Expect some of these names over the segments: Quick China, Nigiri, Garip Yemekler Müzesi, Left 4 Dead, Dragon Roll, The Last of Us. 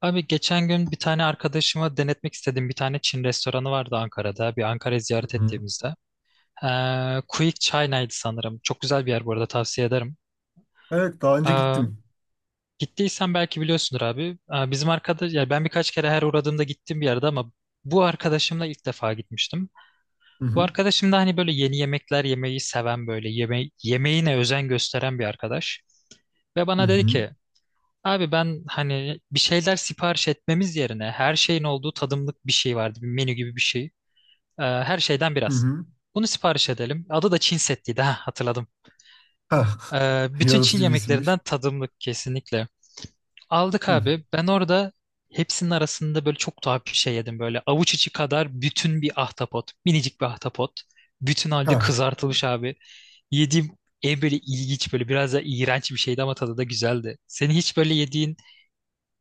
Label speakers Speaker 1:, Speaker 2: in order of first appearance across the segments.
Speaker 1: Abi geçen gün bir tane arkadaşıma denetmek istediğim bir tane Çin restoranı vardı Ankara'da. Bir Ankara'yı ziyaret
Speaker 2: Hı.
Speaker 1: ettiğimizde. Quick China'ydı sanırım. Çok güzel bir yer, bu arada tavsiye ederim.
Speaker 2: Evet, daha önce
Speaker 1: Ee,
Speaker 2: gittim.
Speaker 1: Gittiysen belki biliyorsundur abi. Bizim arkadaş, yani ben birkaç kere her uğradığımda gittiğim bir yerde ama bu arkadaşımla ilk defa gitmiştim.
Speaker 2: Hı
Speaker 1: Bu
Speaker 2: hı.
Speaker 1: arkadaşım da hani böyle yeni yemekler yemeyi seven, böyle yemeğine özen gösteren bir arkadaş. Ve
Speaker 2: Hı
Speaker 1: bana dedi
Speaker 2: hı.
Speaker 1: ki, abi ben hani bir şeyler sipariş etmemiz yerine her şeyin olduğu tadımlık bir şey vardı. Bir menü gibi bir şey. Her şeyden
Speaker 2: Hı
Speaker 1: biraz.
Speaker 2: hı.
Speaker 1: Bunu sipariş edelim. Adı da Çin settiydi. Ha, hatırladım.
Speaker 2: Hah.
Speaker 1: Bütün Çin
Speaker 2: Yaratıcı bir
Speaker 1: yemeklerinden
Speaker 2: isimmiş.
Speaker 1: tadımlık, kesinlikle. Aldık
Speaker 2: Hı.
Speaker 1: abi. Ben orada hepsinin arasında böyle çok tuhaf bir şey yedim. Böyle avuç içi kadar bütün bir ahtapot. Minicik bir ahtapot. Bütün halde
Speaker 2: Hah.
Speaker 1: kızartılmış abi. Yediğim en böyle ilginç, böyle biraz da iğrenç bir şeydi ama tadı da güzeldi. Senin hiç böyle yediğin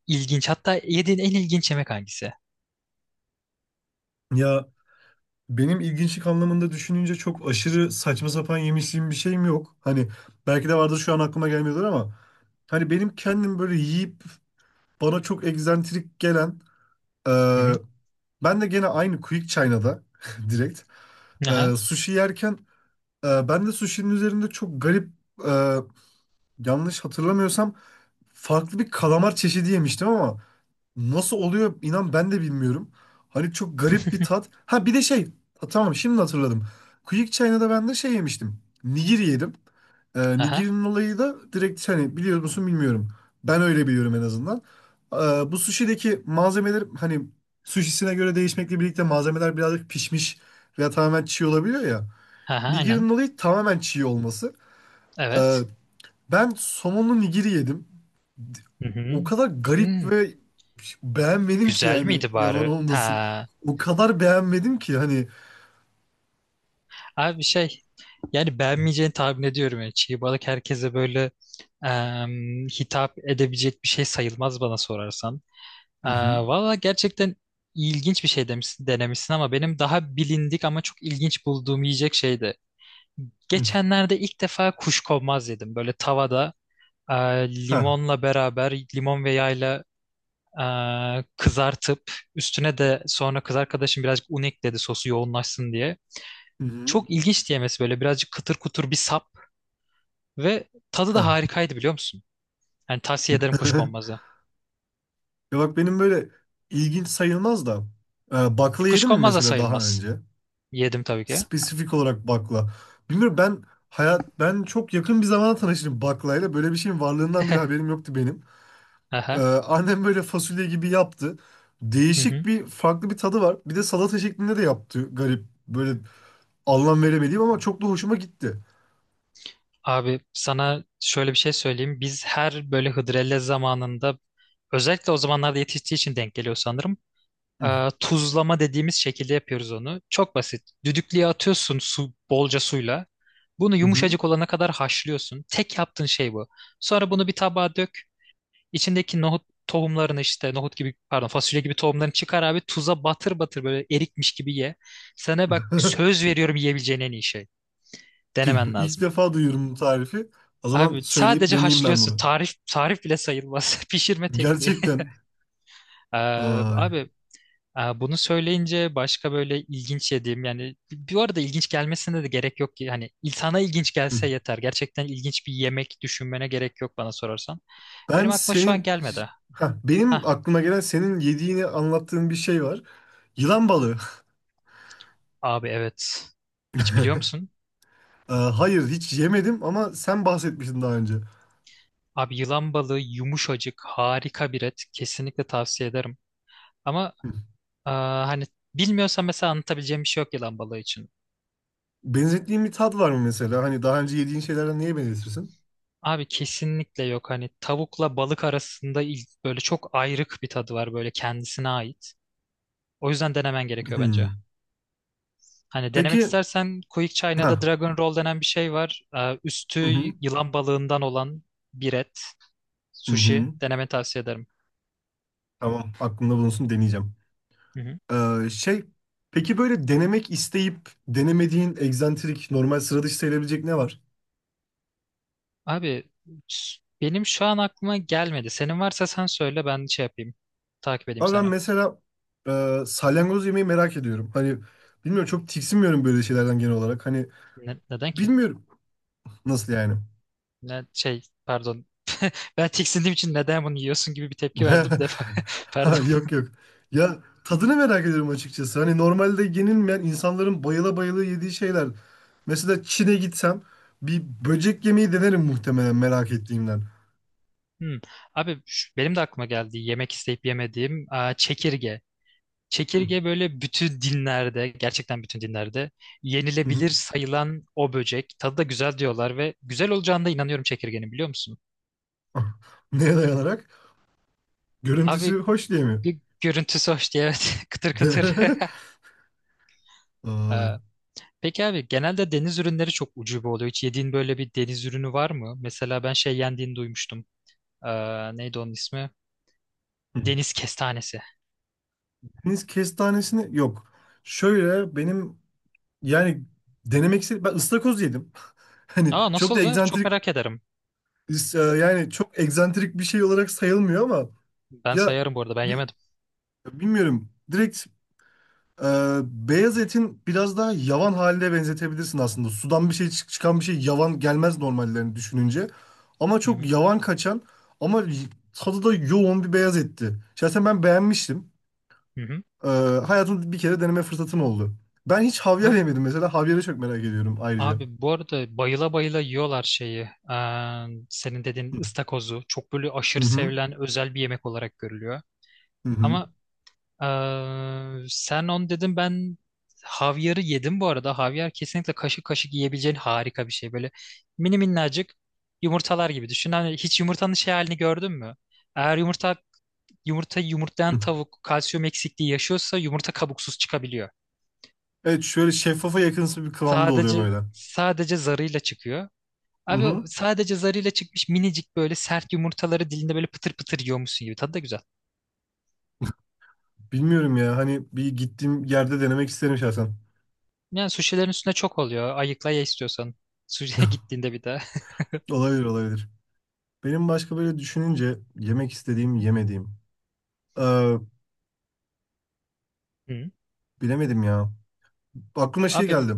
Speaker 1: İlginç. Hatta yediğin en ilginç yemek hangisi?
Speaker 2: Ya, benim ilginçlik anlamında düşününce çok aşırı saçma sapan yemişliğim bir şeyim yok. Hani belki de vardır şu an aklıma gelmiyordur ama hani benim kendim böyle yiyip bana çok egzantrik gelen, e,
Speaker 1: Hı hı.
Speaker 2: ben de gene aynı Quick China'da direkt,
Speaker 1: Aha.
Speaker 2: sushi yerken, ben de sushi'nin üzerinde çok garip, yanlış hatırlamıyorsam farklı bir kalamar çeşidi yemiştim ama nasıl oluyor inan ben de bilmiyorum. Hani çok garip bir tat. Ha, bir de şey. Ha, tamam şimdi hatırladım. Quick China'da ben de şey yemiştim. Nigiri yedim.
Speaker 1: Aha.
Speaker 2: Nigirinin olayı da direkt, hani biliyor musun bilmiyorum. Ben öyle biliyorum en azından. Ee, Bu sushi'deki malzemeler hani sushi'sine göre değişmekle birlikte malzemeler birazcık pişmiş veya tamamen çiğ olabiliyor ya.
Speaker 1: Aha. Aynen.
Speaker 2: Nigirinin olayı tamamen çiğ olması.
Speaker 1: Evet.
Speaker 2: Ee, Ben somonlu nigiri yedim.
Speaker 1: Hı hı.
Speaker 2: O kadar garip
Speaker 1: Hmm.
Speaker 2: ve beğenmedim ki,
Speaker 1: Güzel
Speaker 2: yani
Speaker 1: miydi
Speaker 2: yalan
Speaker 1: bari?
Speaker 2: olmasın.
Speaker 1: Ha.
Speaker 2: O kadar beğenmedim ki hani.
Speaker 1: Abi şey, yani beğenmeyeceğini tahmin ediyorum. Yani çiğ balık herkese böyle hitap edebilecek bir şey sayılmaz, bana sorarsan.
Speaker 2: Hı
Speaker 1: E,
Speaker 2: hı.
Speaker 1: Valla gerçekten ilginç bir şey demişsin, denemişsin ama benim daha bilindik ama çok ilginç bulduğum yiyecek şeydi.
Speaker 2: Hı.
Speaker 1: Geçenlerde ilk defa kuşkonmaz yedim. Böyle tavada,
Speaker 2: Ha.
Speaker 1: limonla beraber, limon ve yağla e, kızartıp üstüne de sonra kız arkadaşım birazcık un ekledi, sosu yoğunlaşsın diye.
Speaker 2: Hı hı.
Speaker 1: Çok ilginç diyemesi, böyle birazcık kıtır kutur bir sap ve tadı da
Speaker 2: Ha.
Speaker 1: harikaydı, biliyor musun? Yani tavsiye ederim kuşkonmazı.
Speaker 2: Ya bak, benim böyle ilginç sayılmaz da,
Speaker 1: E,
Speaker 2: bakla yedim mi
Speaker 1: kuşkonmaz da
Speaker 2: mesela daha
Speaker 1: sayılmaz.
Speaker 2: önce?
Speaker 1: Yedim tabii ki.
Speaker 2: Spesifik olarak bakla. Bilmiyorum ben, ben çok yakın bir zamana tanıştım baklayla. Böyle bir şeyin varlığından bile haberim yoktu benim.
Speaker 1: Aha.
Speaker 2: Annem böyle fasulye gibi yaptı.
Speaker 1: Hı
Speaker 2: Değişik
Speaker 1: hı.
Speaker 2: bir, farklı bir tadı var. Bir de salata şeklinde de yaptı. Garip, böyle anlam veremediğim ama çok da hoşuma gitti.
Speaker 1: Abi sana şöyle bir şey söyleyeyim. Biz her böyle hıdrellez zamanında, özellikle o zamanlarda yetiştiği için denk geliyor sanırım,
Speaker 2: Hı
Speaker 1: Tuzlama dediğimiz şekilde yapıyoruz onu. Çok basit. Düdüklüye atıyorsun su, bolca suyla. Bunu
Speaker 2: hı.
Speaker 1: yumuşacık olana kadar haşlıyorsun. Tek yaptığın şey bu. Sonra bunu bir tabağa dök. İçindeki nohut tohumlarını, işte nohut gibi, pardon fasulye gibi tohumlarını çıkar abi, tuza batır batır, böyle erikmiş gibi ye. Sana bak,
Speaker 2: Hı.
Speaker 1: söz veriyorum, yiyebileceğin en iyi şey. Denemen
Speaker 2: İlk
Speaker 1: lazım.
Speaker 2: defa duyuyorum bu tarifi. O zaman
Speaker 1: Abi
Speaker 2: söyleyip
Speaker 1: sadece
Speaker 2: deneyeyim ben
Speaker 1: haşlıyorsun.
Speaker 2: bunu.
Speaker 1: Tarif bile sayılmaz. Pişirme tekniği.
Speaker 2: Gerçekten.
Speaker 1: Ee,
Speaker 2: Ay.
Speaker 1: Abi, bunu söyleyince başka böyle ilginç yediğim, yani bu arada ilginç gelmesine de gerek yok ki, hani insana ilginç
Speaker 2: Hı.
Speaker 1: gelse yeter. Gerçekten ilginç bir yemek düşünmene gerek yok, bana sorarsan.
Speaker 2: Ben
Speaker 1: Benim aklıma şu an
Speaker 2: senin
Speaker 1: gelmedi.
Speaker 2: Heh,
Speaker 1: Hah,
Speaker 2: benim aklıma gelen senin yediğini anlattığın bir şey var. Yılan balığı.
Speaker 1: abi evet. Hiç biliyor musun?
Speaker 2: Hayır, hiç yemedim ama sen bahsetmiştin daha önce.
Speaker 1: Abi yılan balığı yumuşacık, harika bir et. Kesinlikle tavsiye ederim. Ama
Speaker 2: Hı.
Speaker 1: hani bilmiyorsan mesela anlatabileceğim bir şey yok yılan balığı için.
Speaker 2: Benzettiğin bir tat var mı mesela? Hani daha önce yediğin şeylerden neye benzetirsin?
Speaker 1: Abi kesinlikle yok, hani tavukla balık arasında böyle çok ayrık bir tadı var, böyle kendisine ait. O yüzden denemen gerekiyor bence.
Speaker 2: Hı.
Speaker 1: Hani denemek
Speaker 2: Peki.
Speaker 1: istersen Quick China'da
Speaker 2: Ha.
Speaker 1: Dragon Roll denen bir şey var. Üstü
Speaker 2: Hı hı.
Speaker 1: yılan balığından olan bir et.
Speaker 2: Hı
Speaker 1: Sushi
Speaker 2: hı.
Speaker 1: denemeni tavsiye ederim.
Speaker 2: Tamam, aklımda bulunsun, deneyeceğim.
Speaker 1: Hı hı.
Speaker 2: Ee, şey peki, böyle denemek isteyip denemediğin egzantrik, normal sıra dışı sayılabilecek ne var?
Speaker 1: Abi benim şu an aklıma gelmedi. Senin varsa sen söyle, ben şey yapayım. Takip edeyim
Speaker 2: Ama ben
Speaker 1: seni.
Speaker 2: mesela, salyangoz yemeği merak ediyorum. Hani bilmiyorum, çok tiksinmiyorum böyle şeylerden genel olarak. Hani
Speaker 1: Neden ki?
Speaker 2: bilmiyorum, nasıl yani.
Speaker 1: Ne şey, pardon. Ben tiksindiğim için neden bunu yiyorsun gibi bir tepki verdim defa. Pardon.
Speaker 2: Ha, yok yok. Ya, tadını merak ediyorum açıkçası. Hani normalde yenilmeyen, insanların bayıla bayıla yediği şeyler. Mesela Çin'e gitsem bir böcek yemeği denerim muhtemelen, merak ettiğimden.
Speaker 1: Hmm. Abi benim de aklıma geldi. Yemek isteyip yemediğim, aa, çekirge.
Speaker 2: Hı
Speaker 1: Çekirge böyle bütün dinlerde, gerçekten bütün dinlerde
Speaker 2: hı.
Speaker 1: yenilebilir sayılan o böcek. Tadı da güzel diyorlar ve güzel olacağına da inanıyorum çekirgenin, biliyor musun?
Speaker 2: Neye dayanarak? Görüntüsü
Speaker 1: Abi
Speaker 2: hoş diye mi?
Speaker 1: görüntüsü hoş diye, evet, kıtır kıtır.
Speaker 2: Ay.
Speaker 1: Ee, Peki abi, genelde deniz ürünleri çok ucube oluyor. Hiç yediğin böyle bir deniz ürünü var mı? Mesela ben şey yendiğini duymuştum. Neydi onun ismi? Deniz kestanesi.
Speaker 2: Deniz kestanesini yok. Şöyle benim, yani denemek istedim. Ben ıstakoz yedim. Hani
Speaker 1: Aa,
Speaker 2: çok da
Speaker 1: nasıldı? Çok
Speaker 2: egzantrik,
Speaker 1: merak ederim.
Speaker 2: yani çok egzantrik bir şey olarak sayılmıyor ama
Speaker 1: Ben
Speaker 2: ya,
Speaker 1: sayarım bu arada, ben
Speaker 2: bi-
Speaker 1: yemedim.
Speaker 2: bilmiyorum. Direkt beyaz etin biraz daha yavan haline benzetebilirsin aslında. Sudan bir şey çıkan bir şey yavan gelmez normallerini düşününce. Ama
Speaker 1: Hı
Speaker 2: çok
Speaker 1: hı.
Speaker 2: yavan kaçan ama tadı da yoğun bir beyaz etti. Şahsen ben beğenmiştim.
Speaker 1: Hı
Speaker 2: Ee, Hayatımda bir kere deneme fırsatım oldu. Ben hiç havyar
Speaker 1: hı.
Speaker 2: yemedim mesela. Havyarı çok merak ediyorum ayrıca.
Speaker 1: Abi bu arada bayıla bayıla yiyorlar şeyi. Senin dediğin ıstakozu. Çok böyle
Speaker 2: Hı hı
Speaker 1: aşırı
Speaker 2: hı.
Speaker 1: sevilen özel bir yemek olarak görülüyor.
Speaker 2: Hı
Speaker 1: Ama sen onu dedin, ben havyarı yedim bu arada. Havyar kesinlikle kaşık kaşık yiyebileceğin harika bir şey. Böyle mini minnacık yumurtalar gibi düşün. Hani hiç yumurtanın şey halini gördün mü? Eğer yumurta yumurtlayan
Speaker 2: hı.
Speaker 1: tavuk kalsiyum eksikliği yaşıyorsa yumurta kabuksuz çıkabiliyor.
Speaker 2: Evet, şöyle şeffafa yakınsı bir kıvamda oluyor böyle.
Speaker 1: Sadece zarıyla çıkıyor.
Speaker 2: Hı
Speaker 1: Abi o
Speaker 2: hı.
Speaker 1: sadece zarıyla çıkmış minicik böyle sert yumurtaları dilinde böyle pıtır pıtır yiyormuşsun gibi. Tadı da güzel.
Speaker 2: Bilmiyorum ya, hani bir gittiğim yerde denemek isterim şahsen.
Speaker 1: Yani suşilerin üstüne çok oluyor. Ayıkla ye istiyorsan. Suşiye gittiğinde bir daha.
Speaker 2: Olabilir, olabilir. Benim başka böyle düşününce yemek istediğim, yemediğim. Ee,
Speaker 1: Hı.
Speaker 2: Bilemedim ya. Aklıma şey
Speaker 1: Abi
Speaker 2: geldi.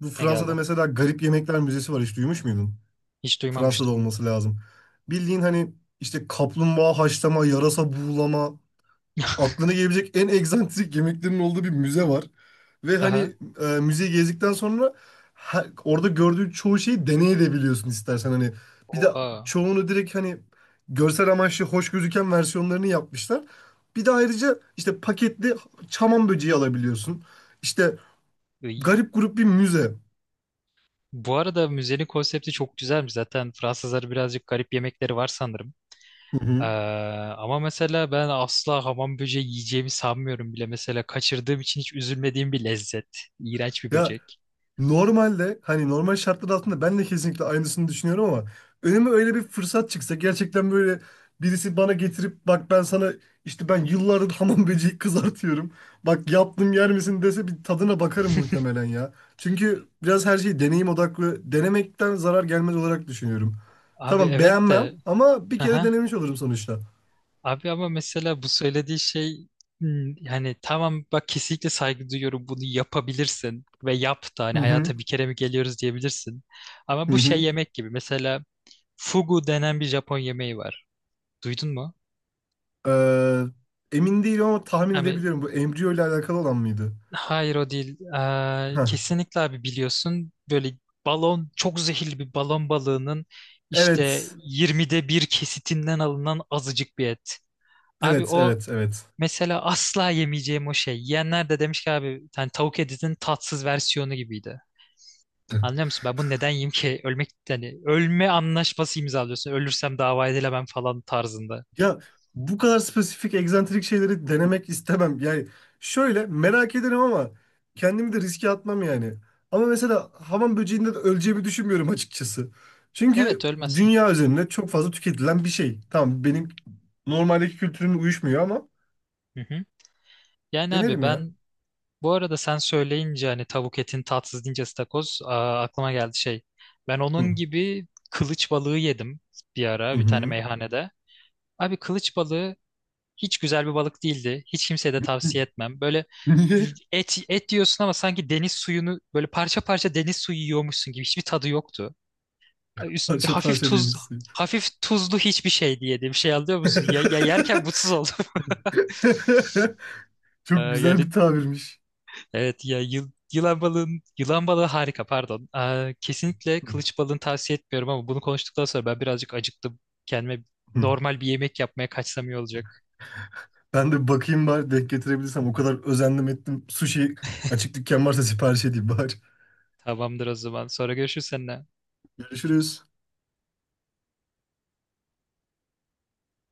Speaker 2: Bu
Speaker 1: ne
Speaker 2: Fransa'da
Speaker 1: geldi?
Speaker 2: mesela Garip Yemekler Müzesi var. Hiç duymuş muydun?
Speaker 1: Hiç
Speaker 2: Fransa'da
Speaker 1: duymamıştım.
Speaker 2: olması lazım. Bildiğin hani işte kaplumbağa haşlama, yarasa buğulama, aklına gelebilecek en egzantrik yemeklerin olduğu bir müze var. Ve
Speaker 1: Aha.
Speaker 2: hani, müzeyi gezdikten sonra orada gördüğün çoğu şeyi deneyebiliyorsun istersen hani. Bir de
Speaker 1: Oha.
Speaker 2: çoğunu direkt hani görsel amaçlı hoş gözüken versiyonlarını yapmışlar. Bir de ayrıca işte paketli çaman böceği alabiliyorsun. İşte
Speaker 1: Iy.
Speaker 2: garip grup bir müze.
Speaker 1: Bu arada müzenin konsepti çok güzelmiş. Zaten Fransızlar birazcık garip yemekleri var sanırım.
Speaker 2: Hı
Speaker 1: Ee,
Speaker 2: hı.
Speaker 1: Ama mesela ben asla hamam böceği yiyeceğimi sanmıyorum bile. Mesela kaçırdığım için hiç üzülmediğim bir lezzet. İğrenç bir
Speaker 2: Ya,
Speaker 1: böcek.
Speaker 2: normalde hani normal şartlar altında ben de kesinlikle aynısını düşünüyorum ama önüme öyle bir fırsat çıksa, gerçekten böyle birisi bana getirip, "Bak, ben sana işte ben yıllardır hamam böceği kızartıyorum. Bak yaptım, yer misin?" dese, bir tadına bakarım muhtemelen ya. Çünkü biraz her şeyi deneyim odaklı denemekten zarar gelmez olarak düşünüyorum.
Speaker 1: Abi
Speaker 2: Tamam,
Speaker 1: evet
Speaker 2: beğenmem
Speaker 1: de.
Speaker 2: ama bir kere
Speaker 1: Aha.
Speaker 2: denemiş olurum sonuçta.
Speaker 1: Abi ama mesela bu söylediği şey, hmm, yani tamam bak, kesinlikle saygı duyuyorum, bunu yapabilirsin ve yap da, hani
Speaker 2: Hı hı
Speaker 1: hayata bir kere mi geliyoruz diyebilirsin. Ama
Speaker 2: hı
Speaker 1: bu şey
Speaker 2: hı.
Speaker 1: yemek gibi, mesela fugu denen bir Japon yemeği var. Duydun mu?
Speaker 2: Emin değilim ama tahmin
Speaker 1: Abi
Speaker 2: edebiliyorum, bu embriyo ile alakalı olan mıydı?
Speaker 1: hayır, o değil.
Speaker 2: Heh.
Speaker 1: Kesinlikle abi, biliyorsun böyle çok zehirli bir balon balığının işte
Speaker 2: Evet.
Speaker 1: 20'de bir kesitinden alınan azıcık bir et. Abi
Speaker 2: Evet,
Speaker 1: o
Speaker 2: evet, evet.
Speaker 1: mesela asla yemeyeceğim, o şey. Yiyenler de demiş ki, abi hani tavuk etinin tatsız versiyonu gibiydi. Anlıyor musun? Ben bunu neden yiyeyim ki? Ölmek, yani ölme anlaşması imzalıyorsun. Ölürsem dava edilemem falan tarzında.
Speaker 2: Ya, bu kadar spesifik, egzantrik şeyleri denemek istemem. Yani şöyle merak ederim ama kendimi de riske atmam yani. Ama mesela hamam böceğinde de öleceğimi düşünmüyorum açıkçası.
Speaker 1: Evet,
Speaker 2: Çünkü
Speaker 1: ölmezsin.
Speaker 2: dünya üzerinde çok fazla tüketilen bir şey. Tamam, benim normaldeki kültürüm uyuşmuyor ama
Speaker 1: Hı hı. Yani abi,
Speaker 2: denerim ya.
Speaker 1: ben bu arada sen söyleyince hani tavuk etin tatsız deyince istakoz aa, aklıma geldi şey. Ben
Speaker 2: Hı
Speaker 1: onun gibi kılıç balığı yedim bir
Speaker 2: hı.
Speaker 1: ara bir tane
Speaker 2: Hı.
Speaker 1: meyhanede. Abi kılıç balığı hiç güzel bir balık değildi. Hiç kimseye de tavsiye etmem. Böyle
Speaker 2: Niye?
Speaker 1: et et diyorsun ama sanki deniz suyunu böyle parça parça deniz suyu yiyormuşsun gibi hiçbir tadı yoktu.
Speaker 2: Parça
Speaker 1: Hafif
Speaker 2: parça deniz suyu.
Speaker 1: hafif tuzlu hiçbir şey diye bir şey, anlıyor musun? Ya, ya yerken mutsuz oldum.
Speaker 2: Çok güzel
Speaker 1: Yani
Speaker 2: bir tabirmiş.
Speaker 1: evet, ya yılan yılan balığı harika, pardon. Kesinlikle
Speaker 2: Hı.
Speaker 1: kılıç balığını tavsiye etmiyorum ama bunu konuştuktan sonra ben birazcık acıktım. Kendime normal bir yemek yapmaya kaçsam iyi olacak.
Speaker 2: Ben de bakayım bari, denk getirebilirsem. O kadar özendim ettim. Sushi açık dükkan varsa sipariş edeyim bari.
Speaker 1: Tamamdır o zaman. Sonra görüşürüz seninle.
Speaker 2: Görüşürüz.